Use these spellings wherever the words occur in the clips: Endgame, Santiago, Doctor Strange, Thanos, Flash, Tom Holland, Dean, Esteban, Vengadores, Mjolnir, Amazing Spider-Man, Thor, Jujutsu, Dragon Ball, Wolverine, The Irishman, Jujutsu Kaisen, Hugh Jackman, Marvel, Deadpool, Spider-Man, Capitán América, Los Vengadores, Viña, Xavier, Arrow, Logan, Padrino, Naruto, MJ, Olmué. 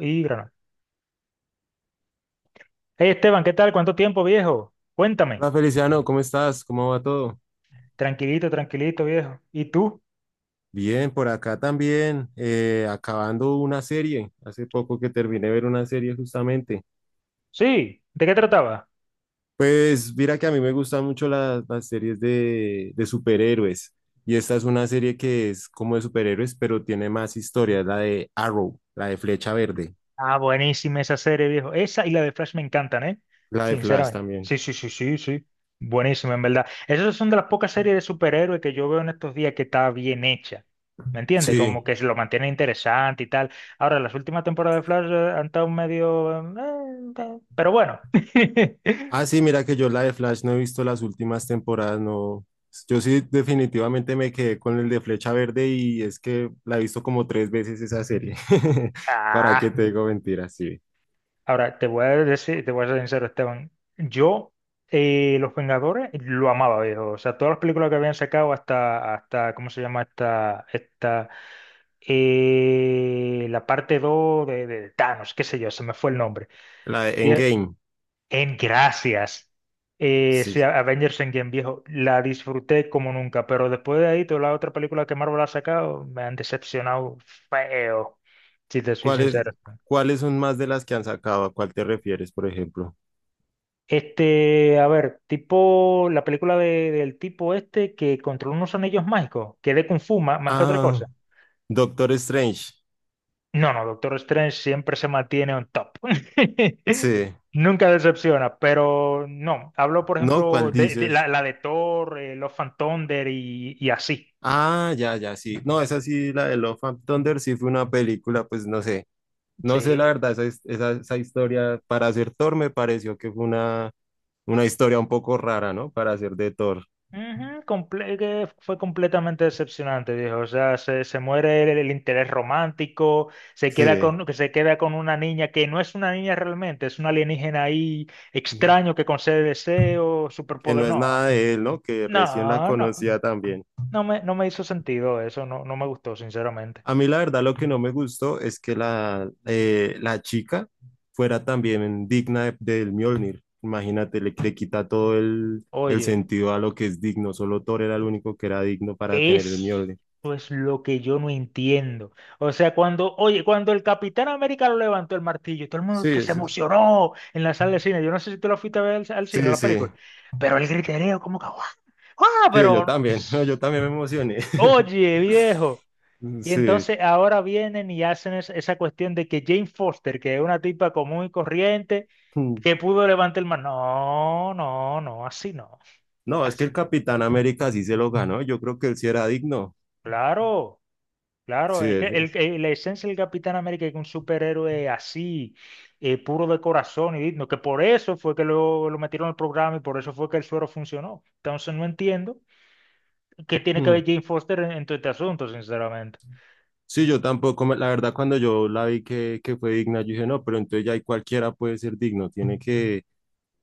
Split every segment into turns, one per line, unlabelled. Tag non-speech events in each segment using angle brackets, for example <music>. Y Granada. Hey Esteban, ¿qué tal? ¿Cuánto tiempo, viejo? Cuéntame.
Hola Feliciano, ¿cómo estás? ¿Cómo va todo?
Tranquilito, tranquilito, viejo. ¿Y tú?
Bien, por acá también, acabando una serie. Hace poco que terminé de ver una serie justamente.
Sí, ¿de qué trataba?
Pues mira que a mí me gustan mucho las series de superhéroes. Y esta es una serie que es como de superhéroes, pero tiene más historia, es la de Arrow, la de Flecha Verde,
Ah, buenísima esa serie, viejo. Esa y la de Flash me encantan, ¿eh?
la de Flash
Sinceramente.
también.
Sí, sí, sí, sí, sí. Buenísima, en verdad. Esas son de las pocas series de superhéroes que yo veo en estos días que está bien hecha. ¿Me entiendes? Como
Sí.
que se lo mantiene interesante y tal. Ahora, las últimas temporadas de Flash han estado medio pero bueno. <laughs>
Ah, sí, mira que yo la de Flash no he visto las últimas temporadas, no. Yo sí definitivamente me quedé con el de Flecha Verde y es que la he visto como tres veces esa serie. <laughs> ¿Para qué
Ah,
te digo mentiras? Sí.
ahora, te voy a decir, te voy a ser sincero, Esteban. Yo, Los Vengadores, lo amaba, viejo. O sea, todas las películas que habían sacado hasta, hasta, ¿cómo se llama? La parte 2 de Thanos, qué sé yo, se me fue el nombre.
La de
Bien,
Endgame,
en gracias. Sí,
sí.
Avengers Endgame, viejo, la disfruté como nunca, pero después de ahí, todas las otras películas que Marvel ha sacado me han decepcionado feo, si te soy
¿Cuáles,
sincero.
cuáles son más de las que han sacado? ¿A cuál te refieres, por ejemplo?
Este, a ver, tipo la película del tipo este que controla unos anillos mágicos, que es de Kung Fu más, que otra cosa.
Ah, Doctor Strange.
No, no, Doctor Strange siempre se mantiene on top. <laughs>
Sí.
Nunca decepciona, pero no. Hablo, por
¿No?
ejemplo,
¿Cuál
de,
dices?
la de Thor, los Love and Thunder y así.
Ah, ya, ya, sí. No, esa sí, la de Love and Thunder sí fue una película, pues no sé. No sé, la
Sí.
verdad, esa, esa, esa historia para hacer Thor me pareció que fue una historia un poco rara, ¿no? Para hacer de Thor.
Ujú, que fue completamente decepcionante, viejo. O sea, se muere el interés romántico, se queda
Sí,
con, que se queda con una niña que no es una niña realmente, es un alienígena ahí extraño que concede deseos,
que no
superpoder.
es
No,
nada de él, ¿no? Que recién la
no, no,
conocía también.
no me, no me hizo sentido eso, no, no me gustó, sinceramente.
A mí la verdad lo que no me gustó es que la, la chica fuera también digna del Mjolnir. Imagínate, le quita todo el
Oye,
sentido a lo que es digno. Solo Thor era el único que era digno para tener el
eso es
Mjolnir.
pues, lo que yo no entiendo. O sea, cuando, oye, cuando el Capitán América lo levantó el martillo, todo el mundo
Sí,
se
sí,
emocionó en la sala de cine. Yo no sé si tú lo fuiste a ver al, al cine,
sí,
la
sí,
película. Pero el griterío, como que, ¡guau! ¡Guau!
sí, yo
Pero,
también, <laughs> yo también me emocioné. <laughs>
oye, viejo. Y
Sí.
entonces ahora vienen y hacen esa cuestión de que Jane Foster, que es una tipa común y corriente,
Mm.
que pudo levantar el mar. No, no, no, así no,
No, es que
así
el
no.
Capitán América sí se lo ganó. Yo creo que él sí era digno.
Claro. Claro,
Sí,
es que el, la esencia del Capitán América es que un superhéroe así, puro de corazón y digno, que por eso fue que lo metieron al programa y por eso fue que el suero funcionó. Entonces no entiendo qué tiene que ver
Mm.
Jane Foster en todo este asunto, sinceramente.
Sí, yo tampoco, la verdad, cuando yo la vi que fue digna, yo dije, no, pero entonces ya ahí cualquiera puede ser digno. Tiene que,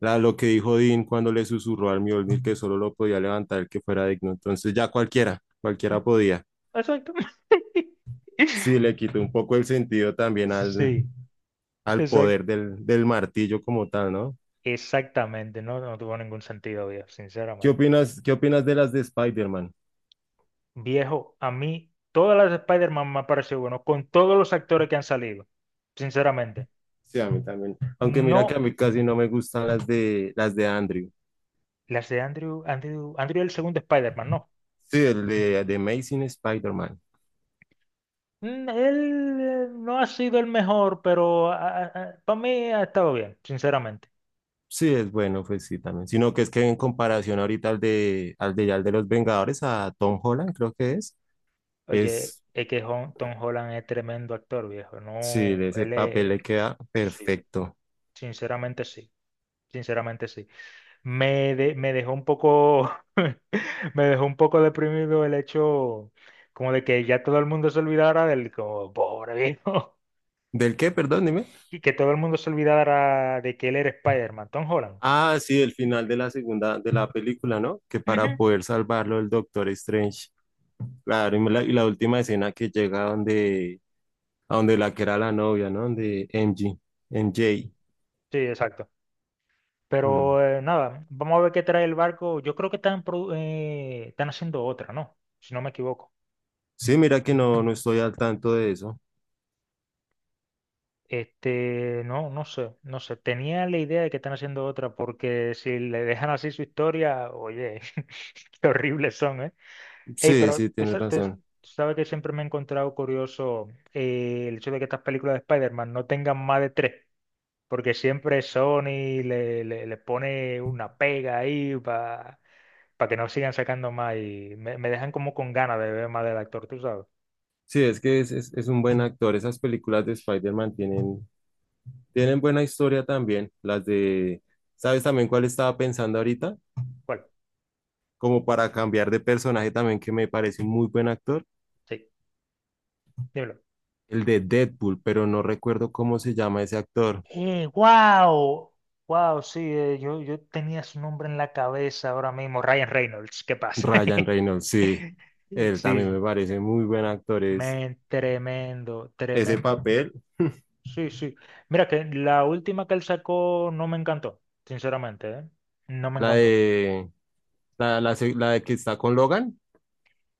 la, lo que dijo Dean cuando le susurró al Mjolnir que solo lo podía levantar el que fuera digno. Entonces ya cualquiera, cualquiera podía.
Exacto. <laughs>
Sí, le quitó un poco el sentido también al,
Sí,
al
exacto.
poder del, del martillo como tal, ¿no?
Exactamente, no, no tuvo ningún sentido, viejo, sinceramente.
Qué opinas de las de Spider-Man?
Viejo, a mí todas las de Spider-Man me han parecido bueno, con todos los actores que han salido, sinceramente.
Sí, a mí también. Aunque mira que a
No.
mí casi no me gustan las de Andrew.
Las de Andrew, Andrew el segundo Spider-Man, no.
Sí, el de Amazing Spider-Man.
Mm, él no ha sido el mejor, pero para mí ha estado bien, sinceramente.
Sí, es bueno, pues sí, también. Sino que es que en comparación ahorita al de al de los Vengadores, a Tom Holland, creo que
Oye,
es,
es que Tom Holland es tremendo actor, viejo.
sí,
No,
de ese
él
papel
es...
le queda
Sí,
perfecto.
sinceramente sí. Sinceramente sí. Me, me dejó un poco... <laughs> me dejó un poco deprimido el hecho como de que ya todo el mundo se olvidara del... Como, pobre viejo. <laughs>
¿Del qué? Perdón, dime.
Y que todo el mundo se olvidara de que él era Spider-Man, Tom Holland.
Ah, sí, el final de la segunda, de la película, ¿no? Que para
Ujú.
poder salvarlo el Doctor Strange. Claro, y la última escena que llega donde a donde la que era la novia, ¿no? Donde MG, MJ.
Sí, exacto.
Mm.
Pero nada, vamos a ver qué trae el barco. Yo creo que están, están haciendo otra, ¿no? Si no me equivoco.
Sí, mira que no, no estoy al tanto de eso.
Este, no, no sé, no sé. Tenía la idea de que están haciendo otra, porque si le dejan así su historia, oye, <laughs> qué horribles son, ¿eh? Ey,
Sí,
pero
sí,
tú,
tienes razón.
tú sabes que siempre me he encontrado curioso el hecho de que estas películas de Spider-Man no tengan más de tres, porque siempre Sony le, le, le pone una pega ahí para que no sigan sacando más y me dejan como con ganas de ver más del actor, tú sabes.
Sí, es que es, es un buen actor. Esas películas de Spider-Man tienen, tienen buena historia también. Las de, ¿sabes también cuál estaba pensando ahorita?
¿Cuál?
Como para cambiar de personaje también, que me parece un muy buen actor.
Sí, dímelo.
El de Deadpool, pero no recuerdo cómo se llama ese actor.
Eh, wow, wow, sí, yo, yo tenía su nombre en la cabeza ahora mismo, Ryan Reynolds, ¿qué pasa?
Ryan
<laughs>
Reynolds, sí. Él también
Sí,
me parece muy buen actor. Es
men, tremendo,
ese
tremendo.
papel,
Sí, sí. Mira que la última que él sacó no me encantó, sinceramente, ¿eh? No me
la
encantó.
de La, la, la de que está con Logan.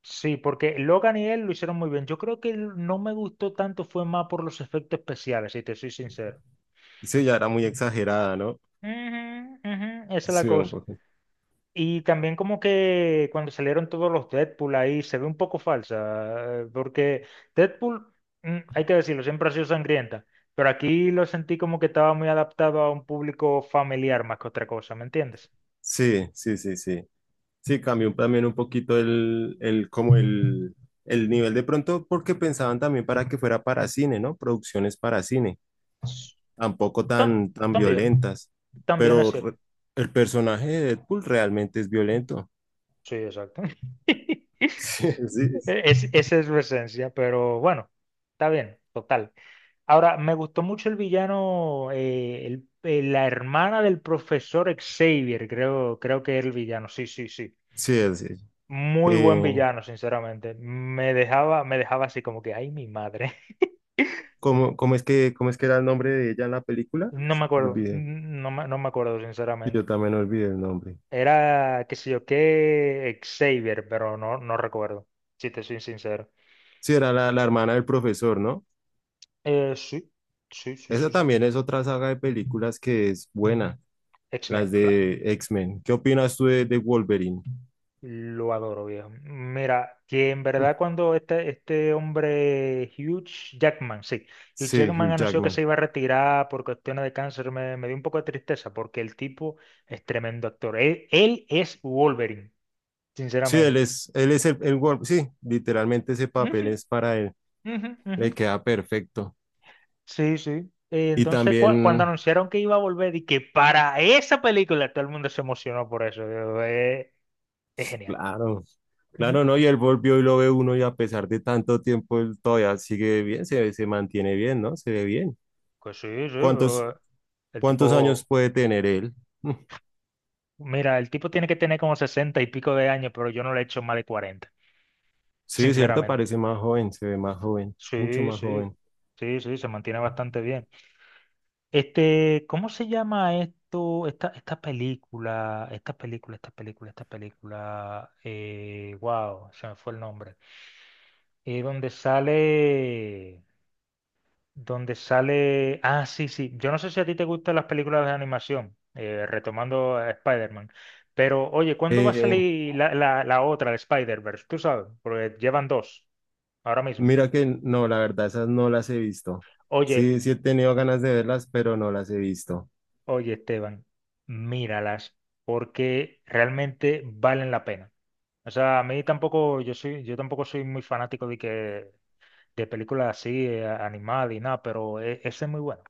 Sí, porque Logan y él lo hicieron muy bien. Yo creo que no me gustó tanto, fue más por los efectos especiales, si te soy sincero.
Sí, ya era muy exagerada, ¿no?
Ujú, ujú, esa es la
Sí, un
cosa.
poco.
Y también como que cuando salieron todos los Deadpool ahí se ve un poco falsa, porque Deadpool, mm, hay que decirlo, siempre ha sido sangrienta, pero aquí lo sentí como que estaba muy adaptado a un público familiar más que otra cosa, ¿me entiendes?
Sí, sí, sí, sí. Sí, cambió también un poquito el, como el nivel de pronto, porque pensaban también para que fuera para cine, ¿no? Producciones para cine,
S-
tampoco
ta-
tan, tan
También,
violentas.
también es
Pero
cierto.
re- el personaje de Deadpool realmente es violento. <laughs>
Sí, exacto. <laughs>
Sí, sí,
Es, esa es su esencia, pero bueno, está bien, total. Ahora, me gustó mucho el villano, la hermana del profesor Xavier, creo, creo que era el villano, sí, sí, sí.
sí. Sí.
Muy buen
eh,
villano, sinceramente. Me dejaba así como que, ay, mi madre. <laughs>
¿Cómo, cómo es que era el nombre de ella en la película?
No me acuerdo,
Olvidé.
no me, no me acuerdo,
Yo
sinceramente.
también olvidé el nombre.
Era, qué sé yo, qué Xavier, pero no, no recuerdo, si te soy sincero.
Sí, era la, la hermana del profesor, ¿no?
Sí, sí, sí,
Esa
sí. Sí.
también es otra saga de películas que es buena,
X-Men,
las
claro.
de X-Men. ¿Qué opinas tú de Wolverine?
Lo adoro, viejo. Mira, que en verdad cuando este hombre, Hugh Jackman, sí, Hugh
Sí,
Jackman
Hugh
anunció que se
Jackman.
iba a retirar por cuestiones de cáncer, me dio un poco de tristeza porque el tipo es tremendo actor. Él es Wolverine,
Sí,
sinceramente.
él es el Wolverine. Sí, literalmente ese papel
Ujú,
es para él,
ujú, ujú.
le queda perfecto.
Sí, sí.
Y
Entonces, cuando
también,
anunciaron que iba a volver y que para esa película todo el mundo se emocionó por eso, yo, es genial.
claro,
Ujú.
claro, ¿no? Y él volvió y lo ve uno y a pesar de tanto tiempo, él todavía sigue bien, se, se mantiene bien, ¿no? Se ve bien.
Pues sí, sí,
¿Cuántos,
pero el
cuántos años
tipo...
puede tener él? <laughs>
Mira, el tipo tiene que tener como 60 y pico de años, pero yo no le he hecho más de cuarenta.
Sí, cierto,
Sinceramente.
parece más joven, se ve más joven, mucho
Sí,
más
sí,
joven.
sí, sí, se mantiene bastante bien. Este, ¿cómo se llama esto? Esta película, esta película, esta película, esta película. Wow, se me fue el nombre. Donde sale. Donde sale. Ah, sí, sí. Yo no sé si a ti te gustan las películas de animación, retomando a Spider-Man. Pero, oye, ¿cuándo va a
Eh,
salir la, la, la otra, de Spider-Verse? Tú sabes, porque llevan dos ahora mismo.
mira que no, la verdad, esas no las he visto.
Oye,
Sí, sí he tenido ganas de verlas, pero no las he visto.
oye, Esteban, míralas, porque realmente valen la pena. O sea, a mí tampoco, yo soy, yo tampoco soy muy fanático de que de películas así, animadas y nada, pero esa es muy buena.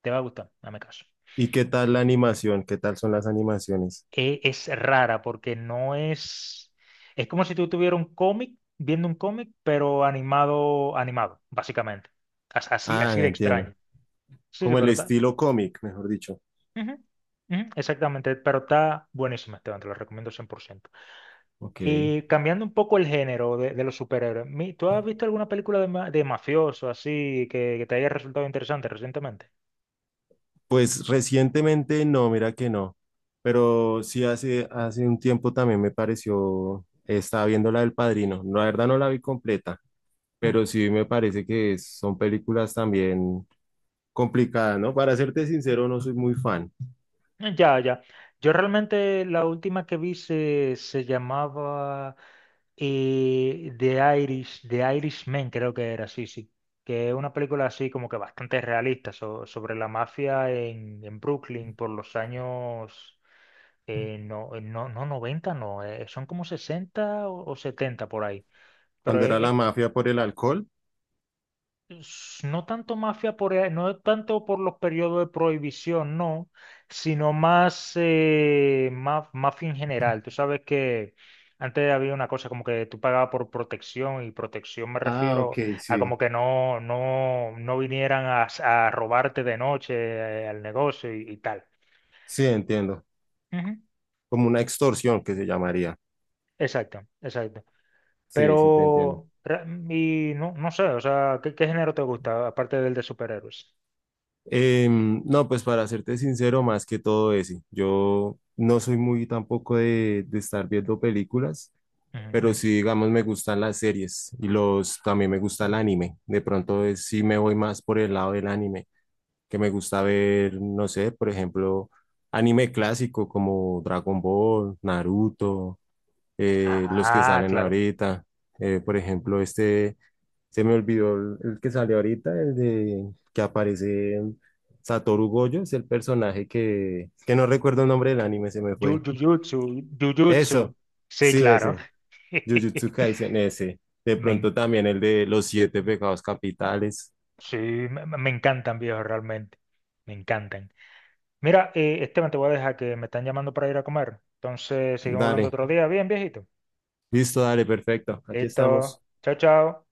Te va a gustar, dame caso.
¿Y qué tal la animación? ¿Qué tal son las animaciones?
Es rara porque no es, es como si tú tuvieras un cómic, viendo un cómic, pero animado, animado, básicamente. Así,
Ah,
así
ya
de
entiendo.
extraño. Sí, de
Como el
verdad.
estilo cómic, mejor dicho.
Ujú, ujú, exactamente, pero está buenísima, Esteban, te lo recomiendo 100%.
Ok.
Y cambiando un poco el género de los superhéroes, ¿tú has visto alguna película de, de mafioso así que te haya resultado interesante recientemente?
Pues recientemente no, mira que no. Pero sí hace, hace un tiempo también me pareció, estaba viendo la del Padrino. La verdad no la vi completa, pero
Mm.
sí me parece que son películas también complicada, ¿no? Para serte sincero, no soy muy fan.
Ya, ya. Yo realmente la última que vi se, se llamaba The Irish, The Irishman, creo que era, sí, sí. Que es una película así como que bastante realista sobre la mafia en Brooklyn por los años, no 90, no, son como 60 o 70 por ahí. Pero
Cuando era la
es,
mafia por el alcohol,
no tanto mafia por, no tanto por los periodos de prohibición, no, sino más mafia en general. Tú sabes que antes había una cosa como que tú pagabas por protección y protección me
ah,
refiero
ok,
a
sí.
como que no, no, no vinieran a, a robarte de noche al negocio y tal.
Sí, entiendo.
Ujú.
Como una extorsión que se llamaría.
Exacto, exacto.
Sí, sí, te entiendo.
Pero, y no, no sé, o sea, ¿qué, qué género te gusta aparte del de superhéroes?
No, pues para serte sincero, más que todo ese. Yo no soy muy tampoco de, de estar viendo películas,
Ujú,
pero
ujú.
sí, digamos, me gustan las series y los, también me gusta el anime. De pronto, sí me voy más por el lado del anime. Que me gusta ver, no sé, por ejemplo, anime clásico como Dragon Ball, Naruto, los que
Ah,
salen
claro.
ahorita. Por ejemplo, este, se me olvidó el que sale ahorita, el de que aparece Satoru Gojo, es el personaje que no recuerdo el nombre del anime, se me fue.
Jujutsu, Jujutsu.
Eso,
Sí,
sí,
claro.
ese, Jujutsu
<laughs>
Kaisen, ese. De
Me,
pronto también el de los siete pecados capitales.
sí, me encantan, viejo, realmente. Me encantan. Mira, Esteban, te voy a dejar que me están llamando para ir a comer. Entonces, seguimos hablando
Dale,
otro día. Bien, viejito.
listo, dale, perfecto. Aquí
Listo.
estamos.
Chao, chao.